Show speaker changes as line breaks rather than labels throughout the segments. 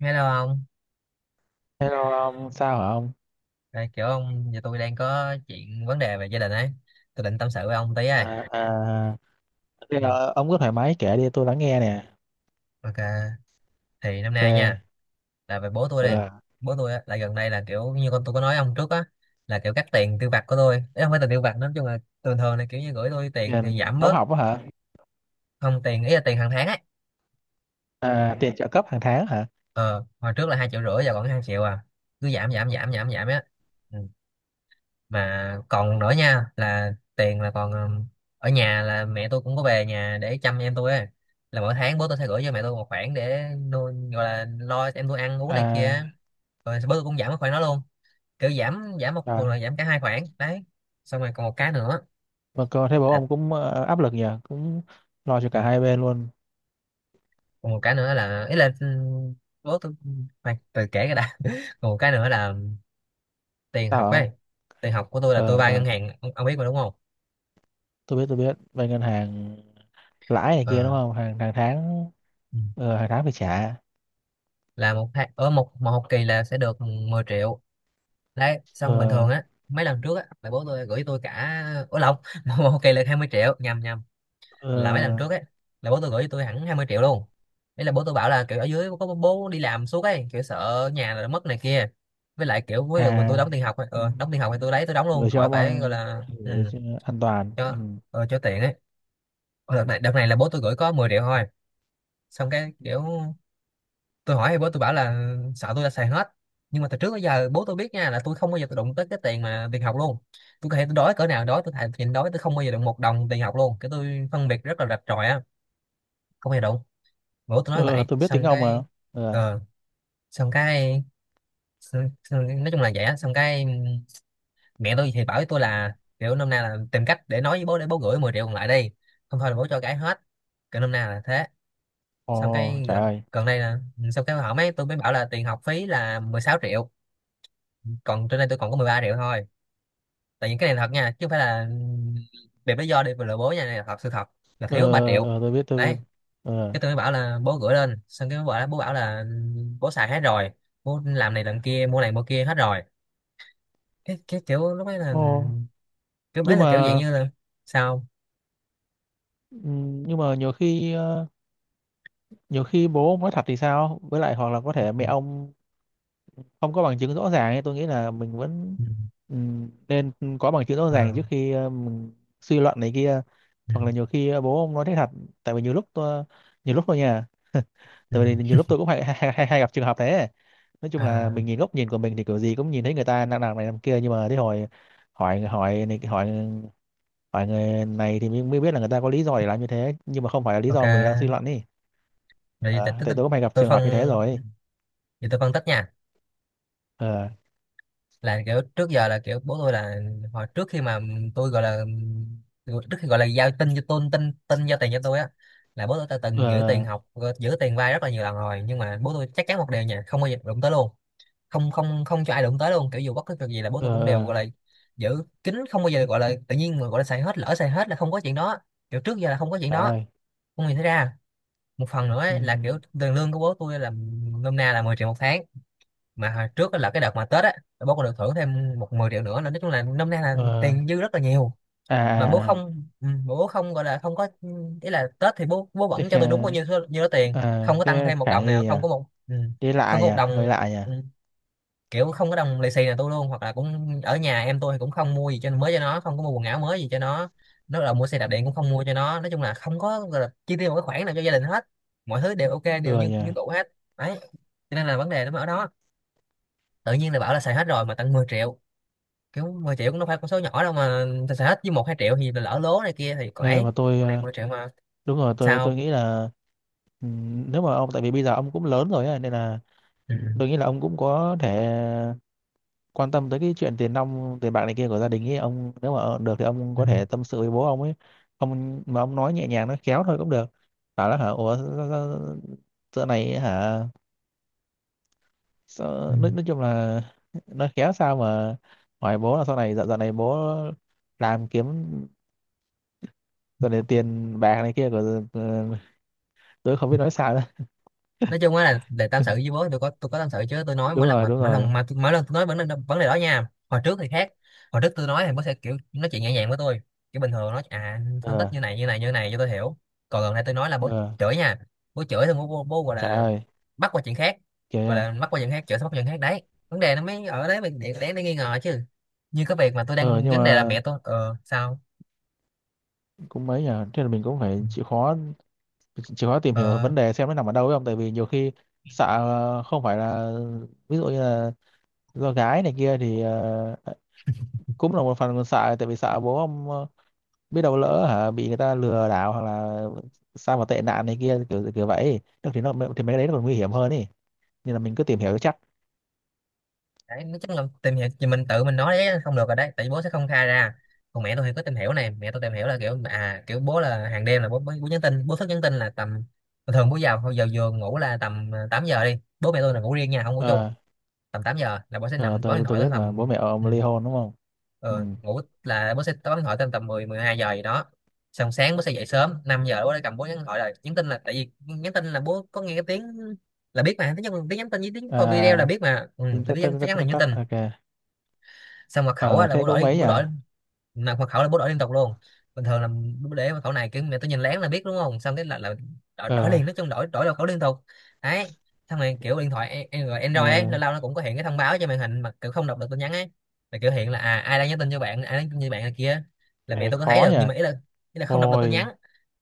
Nghe đâu không?
Hello ông, sao hả ông?
Đây, kiểu ông, giờ tôi đang có chuyện vấn đề về gia đình ấy. Tôi định tâm sự với ông tí ấy.
À, à, bây
Ừ.
giờ ông cứ thoải mái kể đi, tôi lắng nghe nè.
Ok, thì năm
Ok.
nay nha, là về bố tôi đi.
Ừ.
Bố tôi á, là gần đây là kiểu như con tôi có nói ông trước á, là kiểu cắt tiền tiêu vặt của tôi. Đấy, không phải tiền tiêu vặt, nói chung là thường thường là kiểu như gửi tôi tiền thì
Tiền
giảm
đóng
bớt.
học á hả?
Không, tiền ý là tiền hàng tháng ấy.
À, tiền trợ cấp hàng tháng hả?
Ờ Hồi trước là 2,5 triệu, giờ còn 2 triệu à. Cứ giảm giảm giảm giảm giảm á. Ừ. Mà còn nữa nha, là tiền là còn ở nhà là mẹ tôi cũng có về nhà để chăm em tôi ấy. Là mỗi tháng bố tôi sẽ gửi cho mẹ tôi một khoản để nuôi, gọi là lo cho em tôi ăn uống này
À,
kia. Rồi bố tôi cũng giảm cái khoản đó luôn. Kiểu giảm giảm, một một
rồi.
là giảm cả hai khoản đấy. Xong rồi còn một cái nữa
Mà cô thấy bố
là
ông cũng áp lực nhỉ, cũng lo cho
ừ,
cả hai bên luôn.
còn một cái nữa là ý là bố tôi khoan, từ kể cái đã còn một cái nữa là tiền
Sao
học
hả ông?
ấy. Tiền học của tôi là tôi
Ờ,
vay ngân
ờ,
hàng ông biết mà đúng không?
tôi biết, tôi biết. Bên ngân hàng lãi này kia
Ờ.
đúng không? Hàng tháng,
Ừ.
hàng tháng phải trả.
Là một hai ở một một học kỳ là sẽ được 10 triệu. Đấy, xong bình
Ờ,
thường á mấy lần trước á là bố tôi gửi tôi cả ủa lộn một học kỳ là 20 triệu nhầm nhầm. Là mấy lần
ờ,
trước ấy, là bố tôi gửi tôi hẳn 20 triệu luôn. Đấy là bố tôi bảo là kiểu ở dưới có bố bố đi làm suốt ấy, kiểu sợ nhà là mất này kia. Với lại kiểu với mình tôi đóng
à,
tiền học ấy.
ừ,
Ờ, đóng tiền học thì tôi lấy tôi đóng
gửi
luôn
cho
khỏi
ông
phải gọi
an,
là
gửi cho an toàn. Ừ.
cho cho tiện ấy. Ờ, đợt này là bố tôi gửi có 10 triệu thôi. Xong cái kiểu tôi hỏi thì bố tôi bảo là sợ tôi đã xài hết. Nhưng mà từ trước tới giờ bố tôi biết nha, là tôi không bao giờ tôi đụng tới cái tiền mà tiền học luôn. Tôi có thể tôi đói cỡ nào đói, tôi thà nhịn đói tôi không bao giờ đụng một đồng tiền học luôn. Cái tôi phân biệt rất là rạch ròi á, không bao giờ đụng. Bố tôi nói
Ờ, ờ,
vậy
tôi biết tiếng
xong
ông mà.
cái
Ờ.
ờ xong cái xong, nói chung là vậy á. Xong cái mẹ tôi thì bảo với tôi là kiểu năm nay là tìm cách để nói với bố để bố gửi 10 triệu còn lại đi. Không thôi là bố cho cái hết. Kiểu năm nay là thế. Xong
Ồ,
cái
trời ơi.
gần đây là xong cái hỏi mấy tôi mới bảo là tiền học phí là 16 triệu. Còn trên đây tôi còn có 13 triệu thôi. Tại những cái này thật nha, chứ không phải là đẹp lý do đi vừa lừa bố nha, này là thật sự thật, là
Ờ,
thiếu ba
ờ,
triệu
ờ, tôi biết tôi
Đấy,
biết. Ờ.
cái tôi mới bảo là bố gửi lên, xong cái bố bảo là bố xài hết rồi, bố làm này làm kia mua này mua kia hết rồi. Cái kiểu lúc ấy là
Ồ,
kiểu mấy
nhưng
là kiểu dạng
mà
như là sao
nhưng mà nhiều khi bố ông nói thật thì sao, với lại hoặc là có thể
ừ,
mẹ ông không có bằng chứng rõ ràng ấy. Tôi nghĩ là mình vẫn,
ừ,
nên có bằng chứng rõ ràng
ờ,
trước khi mình suy luận này kia,
ừ,
hoặc là nhiều khi bố ông nói thế thật. Tại vì nhiều lúc tôi, nhiều lúc thôi nha.
ừ,
Tại vì nhiều lúc tôi cũng hay gặp trường hợp đấy. Nói chung
ờ,
là mình nhìn góc nhìn của mình thì kiểu gì cũng nhìn thấy người ta đang làm này làm kia, nhưng mà đến hồi hỏi hỏi này hỏi hỏi người này thì mới mới biết là người ta có lý do để làm như thế nhưng mà không phải là lý do mình đang suy
ok.
luận đi.
Rồi giờ
Ờ, tại tôi cũng hay gặp
tôi
trường
phân
hợp như thế rồi.
giờ tôi phân tích nha,
Ờ.
là kiểu trước giờ là kiểu bố tôi là hồi trước khi mà tôi gọi là trước khi gọi là giao tiền cho tôi á, là bố tôi đã từng giữ tiền
Ờ.
học, giữ tiền vay rất là nhiều lần rồi. Nhưng mà bố tôi chắc chắn một điều nha, không bao giờ đụng tới luôn, không không không cho ai đụng tới luôn. Kiểu dù bất cứ việc gì là bố tôi
Ờ.
cũng đều
Ờ.
gọi là giữ kín, không bao giờ gọi là tự nhiên mà gọi là xài hết, lỡ xài hết là không có chuyện đó. Kiểu trước giờ là không có chuyện
Trời
đó.
ơi.
Không nhìn thấy ra. Một phần nữa ấy, là kiểu
Ừm,
tiền lương của bố tôi là nôm na là 10 triệu một tháng. Mà hồi trước á là cái đợt mà Tết á, bố còn được thưởng thêm một 10 triệu nữa, là nói chung là năm nay là
ờ.
tiền dư rất là nhiều.
À,
Mà bố
à.
không bố không gọi là không có ý là Tết thì bố
à.
bố
thế
vẫn cho tôi đúng bao
khả
nhiêu số- nhiêu đó tiền,
À,
không có tăng
thế
thêm một
khả
đồng nào,
nghi
không
à.
có một
Thế
không
lạ
có một đồng
nhỉ Hơi lạ nhỉ.
ừ, kiểu không có đồng lì xì nào tôi luôn. Hoặc là cũng ở nhà em tôi thì cũng không mua gì cho mới cho nó, không có mua quần áo mới gì cho nó là mua xe đạp
Ừ.
điện cũng không mua cho nó. Nói chung là không có gọi là chi tiêu một cái khoản nào cho gia đình hết. Mọi thứ đều ok đều
Ừ
như
nhỉ.
như cũ hết. Đấy, cho nên là vấn đề nó mới ở đó. Tự nhiên là bảo là xài hết rồi mà tận 10 triệu. Kiểu 10 triệu cũng đâu phải con số nhỏ đâu mà. Xài hết với 1 2 triệu thì lỡ lố này kia thì còn
Ê,
ấy,
mà tôi,
còn này 10 triệu mà.
đúng rồi, tôi
Sao?
nghĩ là nếu mà ông, tại vì bây giờ ông cũng lớn rồi á, nên là
Ừ.
tôi nghĩ là ông cũng có thể quan tâm tới cái chuyện tiền nong tiền bạc này kia của gia đình ấy ông, nếu mà được thì ông
Ừ.
có thể tâm sự với bố ông ấy. Ông mà ông nói nhẹ nhàng nó khéo thôi cũng được, bảo là hả ủa, giờ này hả,
Ừ.
sao, nói chung là nói khéo, sao mà hỏi bố là sau này dạo dạo này bố làm kiếm rồi này tiền bạc này kia của, ờ, tôi không biết nói sao nữa.
Nói chung á, là để tâm sự với bố tôi có tâm sự chứ. Tôi nói
Đúng
mỗi lần
rồi
mà
đúng rồi.
mỗi lần tôi nói vấn đề đó nha, hồi trước thì khác. Hồi trước tôi nói thì bố sẽ kiểu nói chuyện nhẹ nhàng với tôi, kiểu bình thường nói à phân tích
Ờ.
như này như này như này cho tôi hiểu. Còn gần đây tôi nói là bố
Ờ.
chửi nha. Bố chửi thì bố gọi
Trời
là
ơi.
bắt qua chuyện khác,
Trời
gọi
ơi.
là bắt qua chuyện khác, chửi xong bắt qua chuyện khác. Đấy, vấn đề nó mới ở đấy mình để nghi ngờ chứ. Như cái việc mà tôi
Ờ,
đang
nhưng
vấn đề là
mà
mẹ tôi ờ sao
cũng mấy nhờ thế là mình cũng phải chịu khó, chịu khó tìm hiểu
ờ
vấn đề xem nó nằm ở đâu ấy, không tại vì nhiều khi sợ không phải là, ví dụ như là do gái này kia thì cũng là một phần sợ, tại vì sợ bố ông biết đâu lỡ hả bị người ta lừa đảo hoặc là sao mà tệ nạn này kia kiểu kiểu vậy. Được thì nó thì mấy cái đấy nó còn nguy hiểm hơn ý. Nên là mình cứ tìm hiểu cho chắc.
đấy nói chắc là tìm hiểu thì mình tự mình nói đấy không được rồi đấy, tại vì bố sẽ không khai ra. Còn mẹ tôi thì có tìm hiểu này, mẹ tôi tìm hiểu là kiểu à kiểu bố là hàng đêm là bố bố, bố nhắn tin, bố thức nhắn tin là tầm thường bố vào giờ giường ngủ là tầm 8 giờ đi, bố mẹ tôi là ngủ riêng nha không ngủ chung.
Ờ,
Tầm 8 giờ là bố sẽ
ờ,
nằm bấm điện
tôi
thoại tới
biết mà bố
tầm
mẹ
ừ,
ông ly hôn đúng không? Ừ.
ờ, ngủ là bố sẽ bấm điện thoại tới tầm mười 12 giờ gì đó. Xong sáng bố sẽ dậy sớm 5 giờ bố đã cầm bố nhắn hỏi rồi nhắn tin là tại vì nhắn tin là bố có nghe cái tiếng, là biết mà tiếng nhắn tin với tiếng
À,
coi video là biết mà
tính
là
tắt
biết
tắt
chắc chắn
tắt
là
tắt
nhắn
tắt
tin.
Ok.
Xong mật khẩu á,
Ờ,
là
thế
bố
cũng
đổi
mấy
bố
nhỉ.
đổi mà mật khẩu là bố đổi liên tục luôn. Bình thường là bố để mật khẩu này cái mẹ tôi nhìn lén là biết đúng không, xong cái là đổi
Ờ.
liền, nói chung đổi đổi mật khẩu liên tục. Đấy, xong rồi kiểu điện thoại Android ấy
Ờ.
lâu lâu nó cũng có hiện cái thông báo trên màn hình mà kiểu không đọc được tin nhắn ấy. Là kiểu hiện là à ai đang nhắn tin cho bạn này kia, là
Cái
mẹ
này
tôi có thấy
khó
được.
nhỉ.
Nhưng mà ý là không đọc được tin nhắn,
Ôi.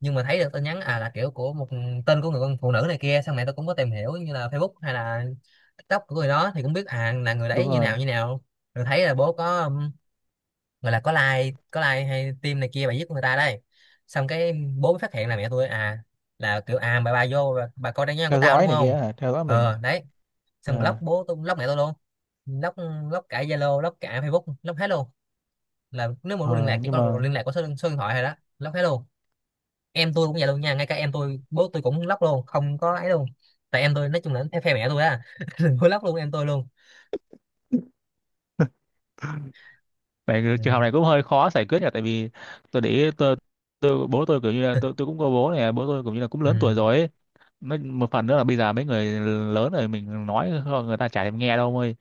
nhưng mà thấy được tin nhắn à, là kiểu của một tên của người con phụ nữ này kia. Xong mẹ tôi cũng có tìm hiểu như là Facebook hay là TikTok của người đó thì cũng biết à là người
Đúng
đấy như
rồi.
nào như nào. Rồi thấy là bố có gọi là có like hay tim này kia bà giết người ta đây. Xong cái bố mới phát hiện là mẹ tôi à, là kiểu à bà coi trang nhóm của
Theo
tao
dõi
đúng
này
không.
kia hả, theo dõi mình?
Ờ đấy, xong
Ờ,
block, bố tôi block mẹ tôi luôn. Block Block cả Zalo, block cả Facebook, block hết luôn. Là nếu mà muốn liên
ờ,
lạc chỉ
nhưng
có
mà
liên lạc có số điện thoại thôi đó, block hết luôn. Em tôi cũng vậy luôn nha, ngay cả em tôi bố tôi cũng block luôn không có ấy luôn. Tại em tôi nói chung là theo phe mẹ tôi á. Block luôn em tôi luôn.
này, cái
Ừ.
trường hợp này cũng hơi khó giải quyết nhỉ, tại vì tôi để ý tôi bố tôi kiểu như là tôi cũng có bố này, bố tôi kiểu như là cũng lớn tuổi
Ừ.
rồi ấy. Một phần nữa là bây giờ mấy người lớn rồi mình nói người ta chả thèm nghe đâu ông ơi.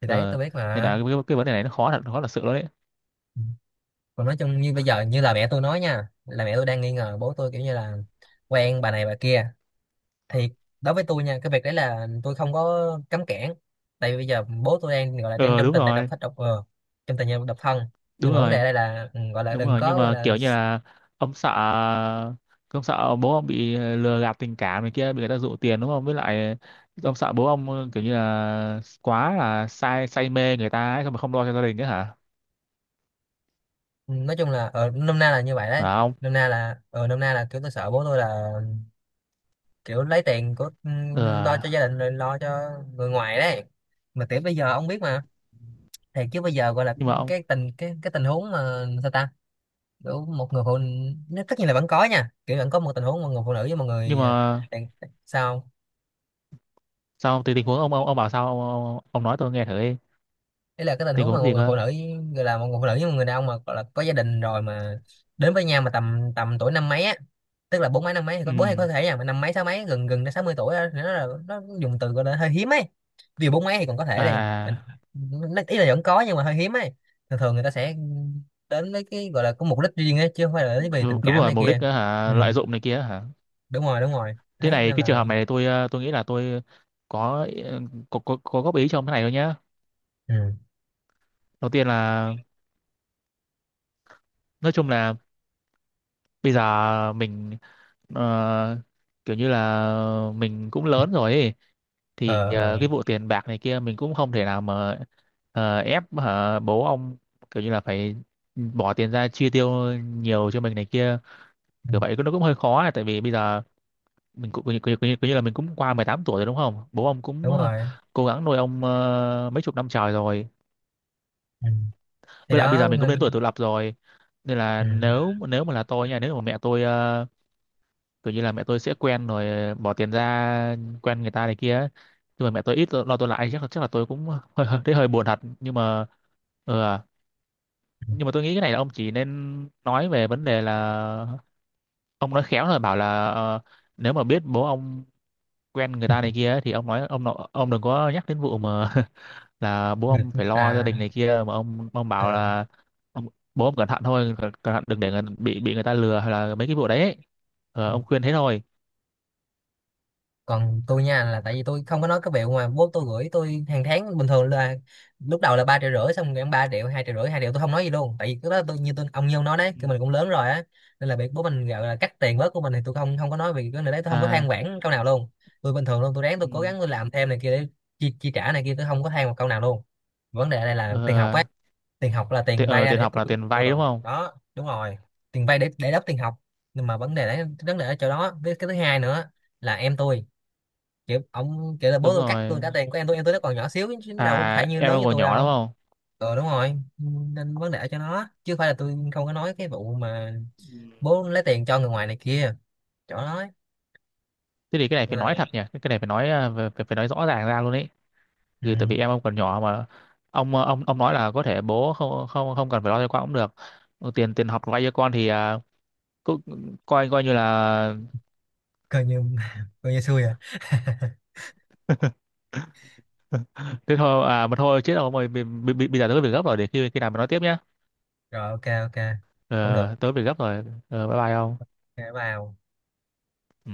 Thì đấy
Ờ,
tôi biết
nên là
mà.
cái vấn đề này nó khó thật, khó thật sự luôn đấy.
Ừ. Còn nói chung như bây giờ, như là mẹ tôi nói nha, là mẹ tôi đang nghi ngờ bố tôi kiểu như là quen bà này bà kia, thì đối với tôi nha, cái việc đấy là tôi không có cấm cản, tại vì bây giờ bố tôi đang gọi là đang
Ờ.
trong
Đúng
tình trạng độc
rồi
thân, trong tình trạng độc thân.
đúng
Nhưng mà vấn đề
rồi.
đây là gọi là
Đúng
đừng
rồi nhưng
có gọi
mà
là...
kiểu như là ông sợ ông sợ bố ông bị lừa gạt tình cảm này kia, bị người ta dụ tiền đúng không, với lại ông sợ bố ông kiểu như là quá là say say mê người ta ấy, xong mà không lo cho gia đình ấy hả,
Ừ, nói chung là ở nôm na là như vậy
phải
đấy.
không?
Nôm na là kiểu tôi sợ bố tôi là kiểu lấy tiền của
Ừ.
lo cho gia đình, rồi lo cho người ngoài đấy, mà kiểu bây giờ ông biết mà. Thì chứ bây giờ gọi là
Nhưng mà ông,
cái tình huống mà sao ta, kiểu một người phụ nó tất nhiên là vẫn có nha, kiểu vẫn có một tình huống một người phụ nữ với một
nhưng
người
mà
đàn sao?
sao thì tình huống ông bảo sao, ông nói tôi nghe thử đi.
Đấy là cái tình
Tình
huống mà
huống gì cơ?
một người phụ nữ với một người đàn ông mà gọi là có gia đình rồi, mà đến với nhau mà tầm tầm tuổi năm mấy á, tức là bốn mấy năm mấy thì có,
Ừ.
bốn hay có thể nha, mà năm mấy sáu mấy gần gần đến 60 tuổi á, thì nó là, nó dùng từ gọi là hơi hiếm ấy. Vì bốn mấy thì còn có
À,
thể, đi mình
à.
ý là vẫn có nhưng mà hơi hiếm ấy. Thường thường người ta sẽ đến với cái gọi là có mục đích riêng ấy, chứ không phải là đến vì
Đú-
tình
đúng
cảm
rồi,
này
mục đích
kia.
á
Ừ,
hả, lợi dụng này kia hả.
đúng rồi, đúng rồi đấy, nên
Cái
là
trường hợp này tôi, tôi nghĩ là tôi có, có góp ý cho ông cái này thôi nhá.
ừ,
Đầu tiên là nói chung là bây giờ mình, ờ, kiểu như là mình cũng lớn rồi ấy. Thì
ờ, ờ.
cái vụ tiền bạc này kia mình cũng không thể nào mà ép hả, bố ông kiểu như là phải bỏ tiền ra chi tiêu nhiều cho mình này kia
Ừ.
kiểu vậy nó cũng hơi khó ấy, tại vì bây giờ mình cũng kiểu như là mình cũng qua 18 tuổi rồi đúng không, bố ông cũng
Đúng rồi.
cố gắng nuôi ông mấy chục năm trời rồi.
Ừ. Thì
Với lại bây
đó
giờ mình cũng đến
nên...
tuổi tự lập rồi. Nên là
Ừ.
nếu, nếu mà là tôi nha, nếu mà mẹ tôi kiểu như là mẹ tôi sẽ quen rồi bỏ tiền ra quen người ta này kia ấy. Nhưng mà mẹ tôi ít lo lo tôi lại, chắc là tôi cũng hơi hơi- thấy hơi buồn thật nhưng mà ừ, à, nhưng mà tôi nghĩ cái này là ông chỉ nên nói về vấn đề là ông nói khéo rồi bảo là nếu mà biết bố ông quen người ta này kia ấy, thì ông nói ông đừng có nhắc đến vụ mà là bố ông phải lo gia
À.
đình này kia, mà ông, bảo
Ờ.
là ông, bố ông cẩn thận thôi, cẩn thận đừng để người, bị người ta lừa hay là mấy cái vụ đấy ấy. Ờ, ông khuyên thế thôi.
Còn tôi nha, là tại vì tôi không có nói cái việc mà bố tôi gửi tôi hàng tháng bình thường là, lúc đầu là 3,5 triệu, xong rồi 3 triệu, 2,5 triệu, 2 triệu, tôi không nói gì luôn, tại vì cái đó tôi, như tôi ông Nhân nói đấy,
Ừ.
cái mình cũng lớn rồi á, nên là việc bố mình gọi là cắt tiền bớt của mình thì tôi không không có nói. Vì cái này đấy tôi không có
À.
than vãn câu nào luôn, tôi bình thường luôn, tôi ráng, tôi
Ừ.
cố gắng, tôi làm thêm này kia để chi trả này kia, tôi không có than một câu nào luôn. Vấn đề ở đây là
Ờ,
tiền học á, tiền học là tiền vay ra
tiền
để
học
tôi...
là tiền
Ừ,
vay đúng không?
đó đúng rồi. Tiền vay để đắp tiền học, nhưng mà vấn đề đấy, vấn đề ở chỗ đó, với cái thứ hai nữa là em tôi, kiểu ông kiểu là bố
Đúng
tôi cắt tôi
rồi.
trả tiền của em tôi, em tôi nó còn nhỏ xíu chứ nó đâu
À,
phải như
em
lớn
đang
như
còn
tôi
nhỏ đúng
đâu.
không?
Ừ, đúng rồi, nên vấn đề ở chỗ nó, chứ không phải là tôi không có nói cái vụ mà
Ừ.
bố lấy tiền cho người ngoài này kia, chỗ đó ấy.
Thế thì cái này phải
Nên là
nói thật nhỉ, cái này phải nói, phải, phải phải nói rõ ràng ra luôn ấy.
ừ,
Vì tại vì em ông còn nhỏ mà, ông, ông nói là có thể bố không không không cần phải lo cho con cũng được. Ừ, tiền tiền học vay cho con thì à, cũng coi coi như là
coi như coi như xui à.
thế thôi à. Mà thôi chết rồi, bây giờ tớ có việc gấp rồi, để khi khi nào mình nói tiếp nhá.
Rồi, ok ok, cũng
Ờ,
được.
tớ có việc gấp rồi. Ờ, bye bye ông.
Ok, bye.
Ừ.